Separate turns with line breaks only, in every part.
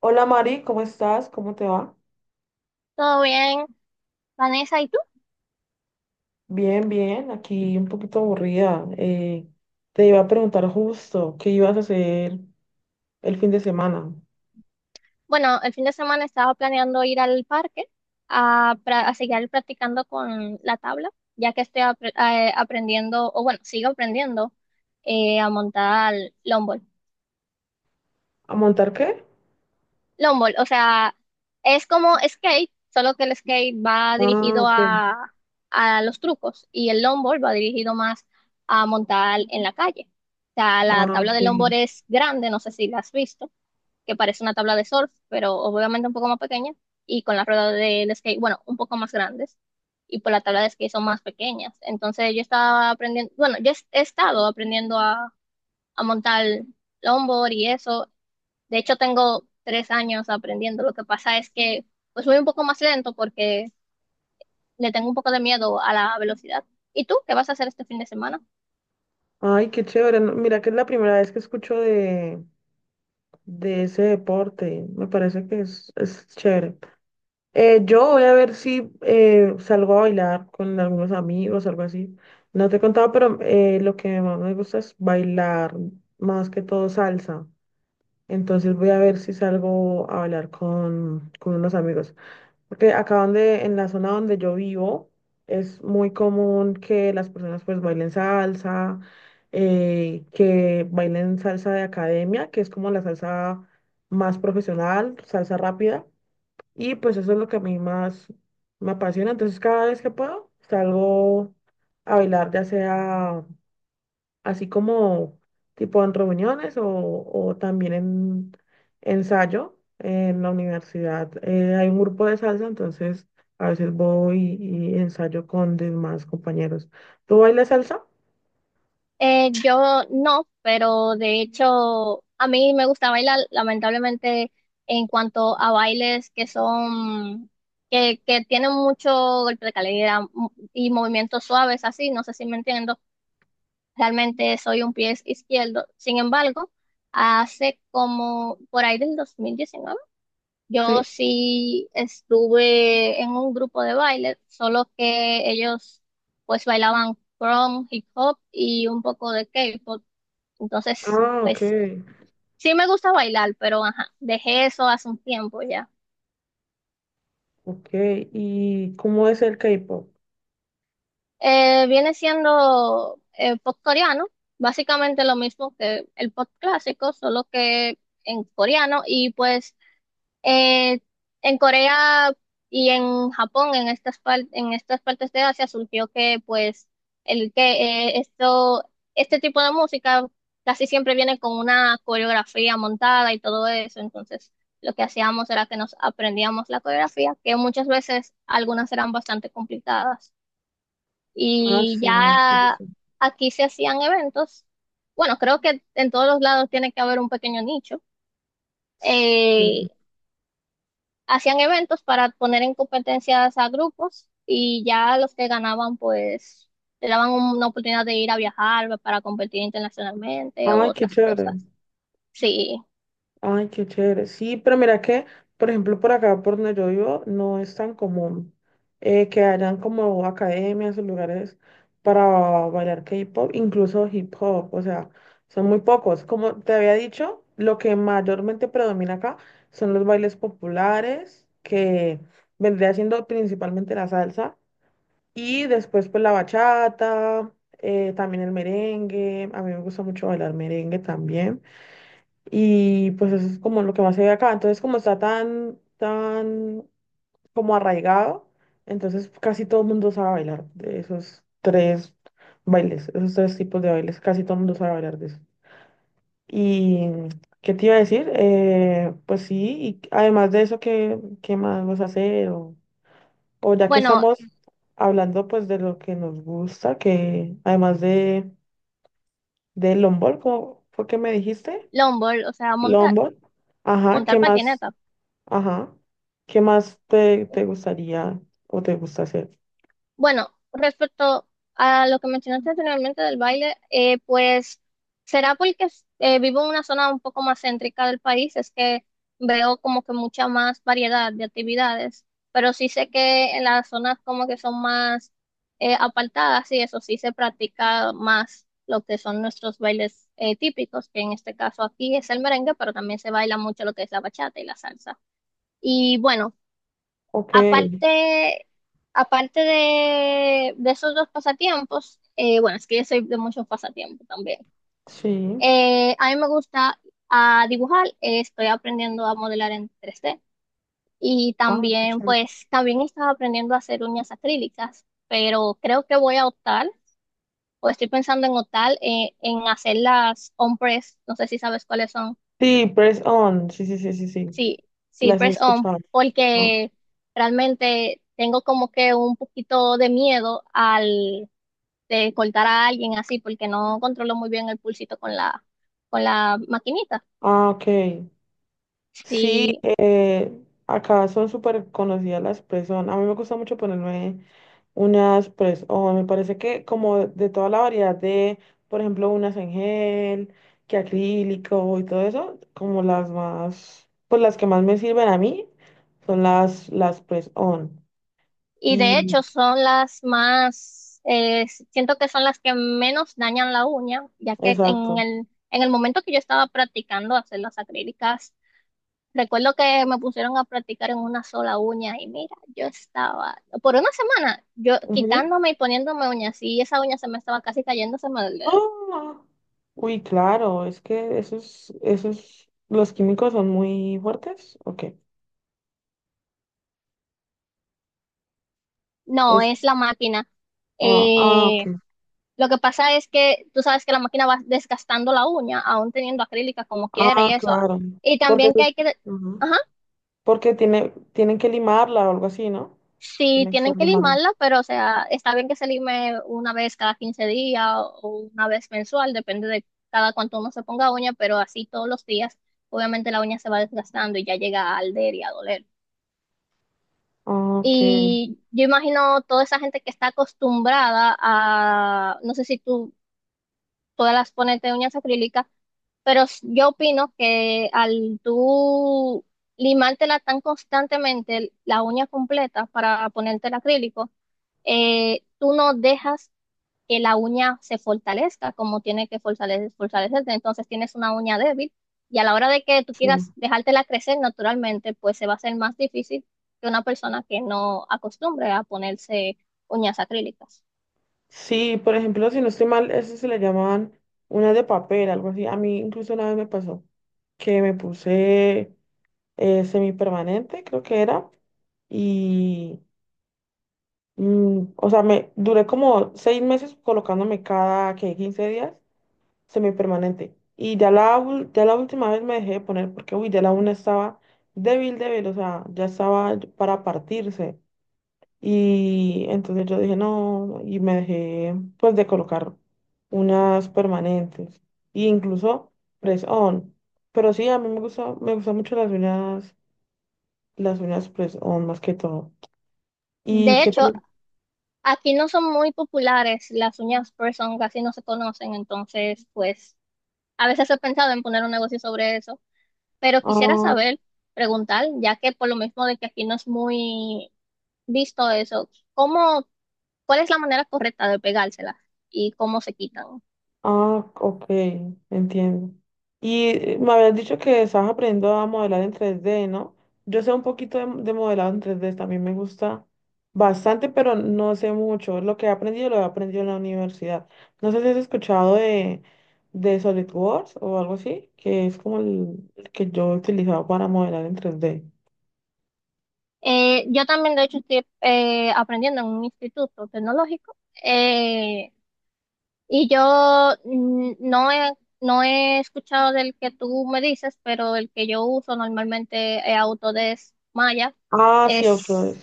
Hola Mari, ¿cómo estás? ¿Cómo te va?
¿Todo bien, Vanessa? ¿Y tú?
Bien, bien, aquí un poquito aburrida. Te iba a preguntar justo qué ibas a hacer el fin de semana.
Bueno, el fin de semana estaba planeando ir al parque a seguir practicando con la tabla, ya que estoy aprendiendo, o bueno, sigo aprendiendo a montar longboard.
¿A montar qué?
Longboard, o sea, es como skate, solo que el skate va
Ah,
dirigido
ok.
a los trucos y el longboard va dirigido más a montar en la calle. O sea, la
Ah,
tabla de longboard
ok.
es grande, no sé si la has visto que parece una tabla de surf, pero obviamente un poco más pequeña, y con las ruedas del skate, bueno, un poco más grandes, y pues las tablas de skate son más pequeñas. Entonces yo estaba aprendiendo, bueno, yo he estado aprendiendo a montar longboard y eso. De hecho, tengo 3 años aprendiendo. Lo que pasa es que pues voy un poco más lento porque le tengo un poco de miedo a la velocidad. ¿Y tú qué vas a hacer este fin de semana?
Ay, qué chévere. No, mira que es la primera vez que escucho de ese deporte. Me parece que es chévere. Yo voy a ver si salgo a bailar con algunos amigos, algo así. No te he contado, pero lo que más me gusta es bailar, más que todo salsa. Entonces voy a ver si salgo a hablar con unos amigos. Porque acá donde, en la zona donde yo vivo, es muy común que las personas pues bailen salsa, que bailen salsa de academia, que es como la salsa más profesional, salsa rápida. Y pues eso es lo que a mí más me apasiona. Entonces cada vez que puedo, salgo a bailar, ya sea así como tipo en reuniones o también en ensayo en la universidad. Hay un grupo de salsa, entonces a veces voy y ensayo con demás compañeros. ¿Tú bailas salsa?
Yo no, pero de hecho a mí me gusta bailar, lamentablemente en cuanto a bailes que tienen mucho golpe de calidad y movimientos suaves así, no sé si me entiendo, realmente soy un pie izquierdo. Sin embargo, hace como por ahí del 2019 yo
Sí.
sí estuve en un grupo de baile, solo que ellos pues bailaban prom, hip hop y un poco de K-pop. Entonces,
Ah, ok,
pues sí me gusta bailar, pero ajá, dejé eso hace un tiempo ya.
ok. ¿Y cómo es el K-pop?
Viene siendo pop coreano, básicamente lo mismo que el pop clásico, solo que en coreano y pues Eh, en Corea y en Japón, en estas partes de Asia, surgió que pues el que eh, esto, este tipo de música casi siempre viene con una coreografía montada y todo eso. Entonces, lo que hacíamos era que nos aprendíamos la coreografía, que muchas veces algunas eran bastante complicadas.
Ah,
Y
sí, sí,
ya
sí.
aquí se hacían eventos. Bueno, creo que en todos los lados tiene que haber un pequeño nicho
Sí.
Eh, Hacían eventos para poner en competencias a grupos y ya los que ganaban pues le daban una oportunidad de ir a viajar para competir internacionalmente o
Ay, qué
otras
chévere.
cosas. Sí.
Ay, qué chévere. Sí, pero mira que, por ejemplo, por acá, por donde yo vivo, no es tan común que hayan como academias o lugares para bailar K-pop, incluso hip hop. O sea, son muy pocos. Como te había dicho, lo que mayormente predomina acá son los bailes populares, que vendría siendo principalmente la salsa, y después pues la bachata, también el merengue. A mí me gusta mucho bailar merengue también. Y pues eso es como lo que más se ve acá. Entonces, como está tan, tan como arraigado, entonces casi todo el mundo sabe bailar de esos tres bailes, esos tres tipos de bailes, casi todo el mundo sabe bailar de eso. ¿Y qué te iba a decir? Pues sí, y además de eso, ¿qué más vas a hacer? O ya que
Bueno,
estamos hablando pues de lo que nos gusta, que además de longboard, ¿cómo fue que me dijiste?
longboard, o sea, montar,
Longboard. Ajá, ¿qué
montar
más?
patineta.
Ajá. ¿Qué más te gustaría o te gusta hacer?
Bueno, respecto a lo que mencionaste anteriormente del baile, pues será porque vivo en una zona un poco más céntrica del país, es que veo como que mucha más variedad de actividades, pero sí sé que en las zonas como que son más apartadas y eso sí se practica más lo que son nuestros bailes típicos, que en este caso aquí es el merengue, pero también se baila mucho lo que es la bachata y la salsa. Y bueno.
Ok,
Aparte, aparte de esos dos pasatiempos, bueno, es que yo soy de muchos pasatiempos también.
sí.
A mí me gusta dibujar, estoy aprendiendo a modelar en 3D y
Ah, qué
también,
chévere.
pues, también estaba aprendiendo a hacer uñas acrílicas, pero creo que voy a optar, o estoy pensando en optar en hacer las on press, no sé si sabes cuáles son.
Sí, press on. Sí, sí, sí, sí, sí.
Sí, sí,
Las he
press on,
escuchado, ¿no?
porque realmente tengo como que un poquito de miedo al de cortar a alguien así, porque no controlo muy bien el pulsito con la maquinita.
Ah, ok. Sí,
Sí,
acá son súper conocidas las press on. A mí me gusta mucho ponerme unas, pues, o me parece que como de toda la variedad de, por ejemplo, unas en gel, que acrílico y todo eso, como las más, pues las que más me sirven a mí son las press-on.
y de
Y,
hecho son las más, siento que son las que menos dañan la uña, ya que
exacto.
en el momento que yo estaba practicando hacer las acrílicas, recuerdo que me pusieron a practicar en una sola uña y mira, yo estaba, por una semana, yo
Ujú.
quitándome y poniéndome uñas y esa uña se me estaba casi cayéndoseme del dedo.
Ah, uy, claro, es que esos, los químicos son muy fuertes. Ok.
No,
Es,
es la máquina.
ok.
Eh, lo que pasa es que tú sabes que la máquina va desgastando la uña, aún teniendo acrílica como quiere y
Ah,
eso.
claro.
Y
Porque,
también que hay que...
ujú.
Ajá.
Porque tienen que limarla o algo así, ¿no?
Sí,
Tiene que
tienen
estar
que
limando.
limarla, pero o sea, está bien que se lime una vez cada 15 días o una vez mensual, depende de cada cuánto uno se ponga uña, pero así todos los días, obviamente la uña se va desgastando y ya llega a alder y a doler.
Ok,
Y yo imagino toda esa gente que está acostumbrada a, no sé si tú todas las pones de uñas acrílicas, pero yo opino que al tú limártela tan constantemente la uña completa para ponerte el acrílico, tú no dejas que la uña se fortalezca como tiene que fortalecer, fortalecerse. Entonces tienes una uña débil y a la hora de que tú
sí.
quieras dejártela crecer naturalmente, pues se va a hacer más difícil que una persona que no acostumbre a ponerse uñas acrílicas.
Sí, por ejemplo, si no estoy mal, eso se le llamaban unas de papel, algo así. A mí incluso una vez me pasó que me puse semipermanente, creo que era, y, o sea, me duré como 6 meses colocándome que 15 días, semipermanente. Y ya la última vez me dejé de poner porque, uy, ya la una estaba débil, débil, o sea, ya estaba para partirse. Y entonces yo dije, no, y me dejé pues de colocar unas permanentes. E incluso press on. Pero sí, a mí me gusta, me gustan mucho las uñas press on más que todo. ¿Y
De
qué
hecho,
te,
aquí no son muy populares las uñas person, casi no se conocen, entonces pues a veces he pensado en poner un negocio sobre eso, pero quisiera saber, preguntar, ya que por lo mismo de que aquí no es muy visto eso, ¿cómo, cuál es la manera correcta de pegársela y cómo se quitan?
Ah, ok, entiendo. Y me habías dicho que estabas aprendiendo a modelar en 3D, ¿no? Yo sé un poquito de modelado en 3D. También me gusta bastante, pero no sé mucho. Lo que he aprendido lo he aprendido en la universidad. No sé si has escuchado de SolidWorks o algo así, que es como el que yo he utilizado para modelar en 3D.
Yo también, de hecho, estoy aprendiendo en un instituto tecnológico eh, y yo no he escuchado del que tú me dices, pero el que yo uso normalmente es Autodesk Maya.
Ah, sí, ok.
Es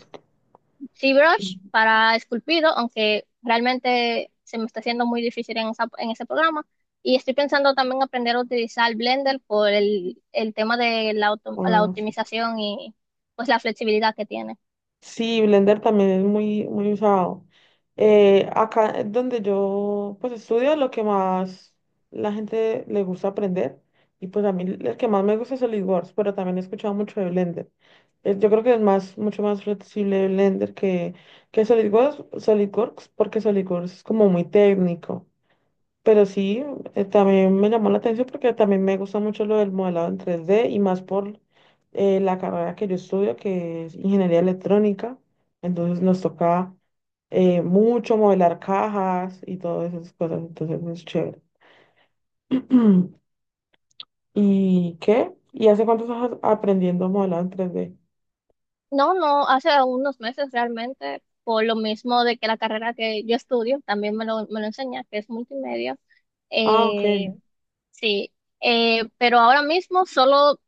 ZBrush para esculpido, aunque realmente se me está haciendo muy difícil en ese programa. Y estoy pensando también aprender a utilizar Blender por el tema de la
Ah, sí.
optimización y pues la flexibilidad que tiene.
Sí, Blender también es muy, muy usado. Acá donde yo pues estudio, lo que más la gente le gusta aprender, y pues a mí el que más me gusta es SolidWorks, pero también he escuchado mucho de Blender. Yo creo que es más, mucho más flexible Blender que SolidWorks, porque SolidWorks es como muy técnico. Pero sí, también me llamó la atención porque también me gusta mucho lo del modelado en 3D y más por la carrera que yo estudio, que es ingeniería electrónica. Entonces nos toca mucho modelar cajas y todas esas cosas. Entonces es chévere. ¿Y qué? ¿Y hace cuánto estás aprendiendo modelado en 3D?
No, no, hace unos meses realmente, por lo mismo de que la carrera que yo estudio también me lo enseña, que es multimedia.
Ah, ok.
Eh, sí, pero ahora mismo solo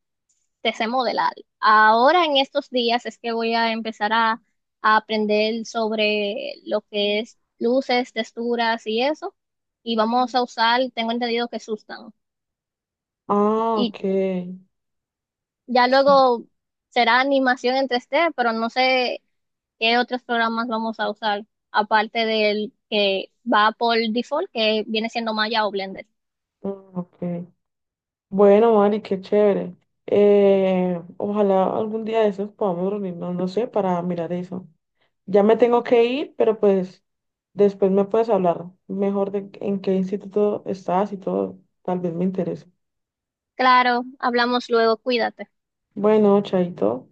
te sé modelar. Ahora en estos días es que voy a empezar a aprender sobre lo que es luces, texturas y eso. Y vamos a usar, tengo entendido que sustan.
Ah,
Y
ok.
ya
Sí.
luego será animación en 3D, pero no sé. ¿Qué otros programas vamos a usar aparte del que va por default, que viene siendo Maya o Blender?
Ah, ok. Bueno, Mari, qué chévere. Ojalá algún día de esos podamos reunirnos, no sé, para mirar eso. Ya me tengo que ir, pero pues después me puedes hablar mejor de en qué instituto estás y todo. Tal vez me interese.
Claro, hablamos luego, cuídate.
Bueno, chaito.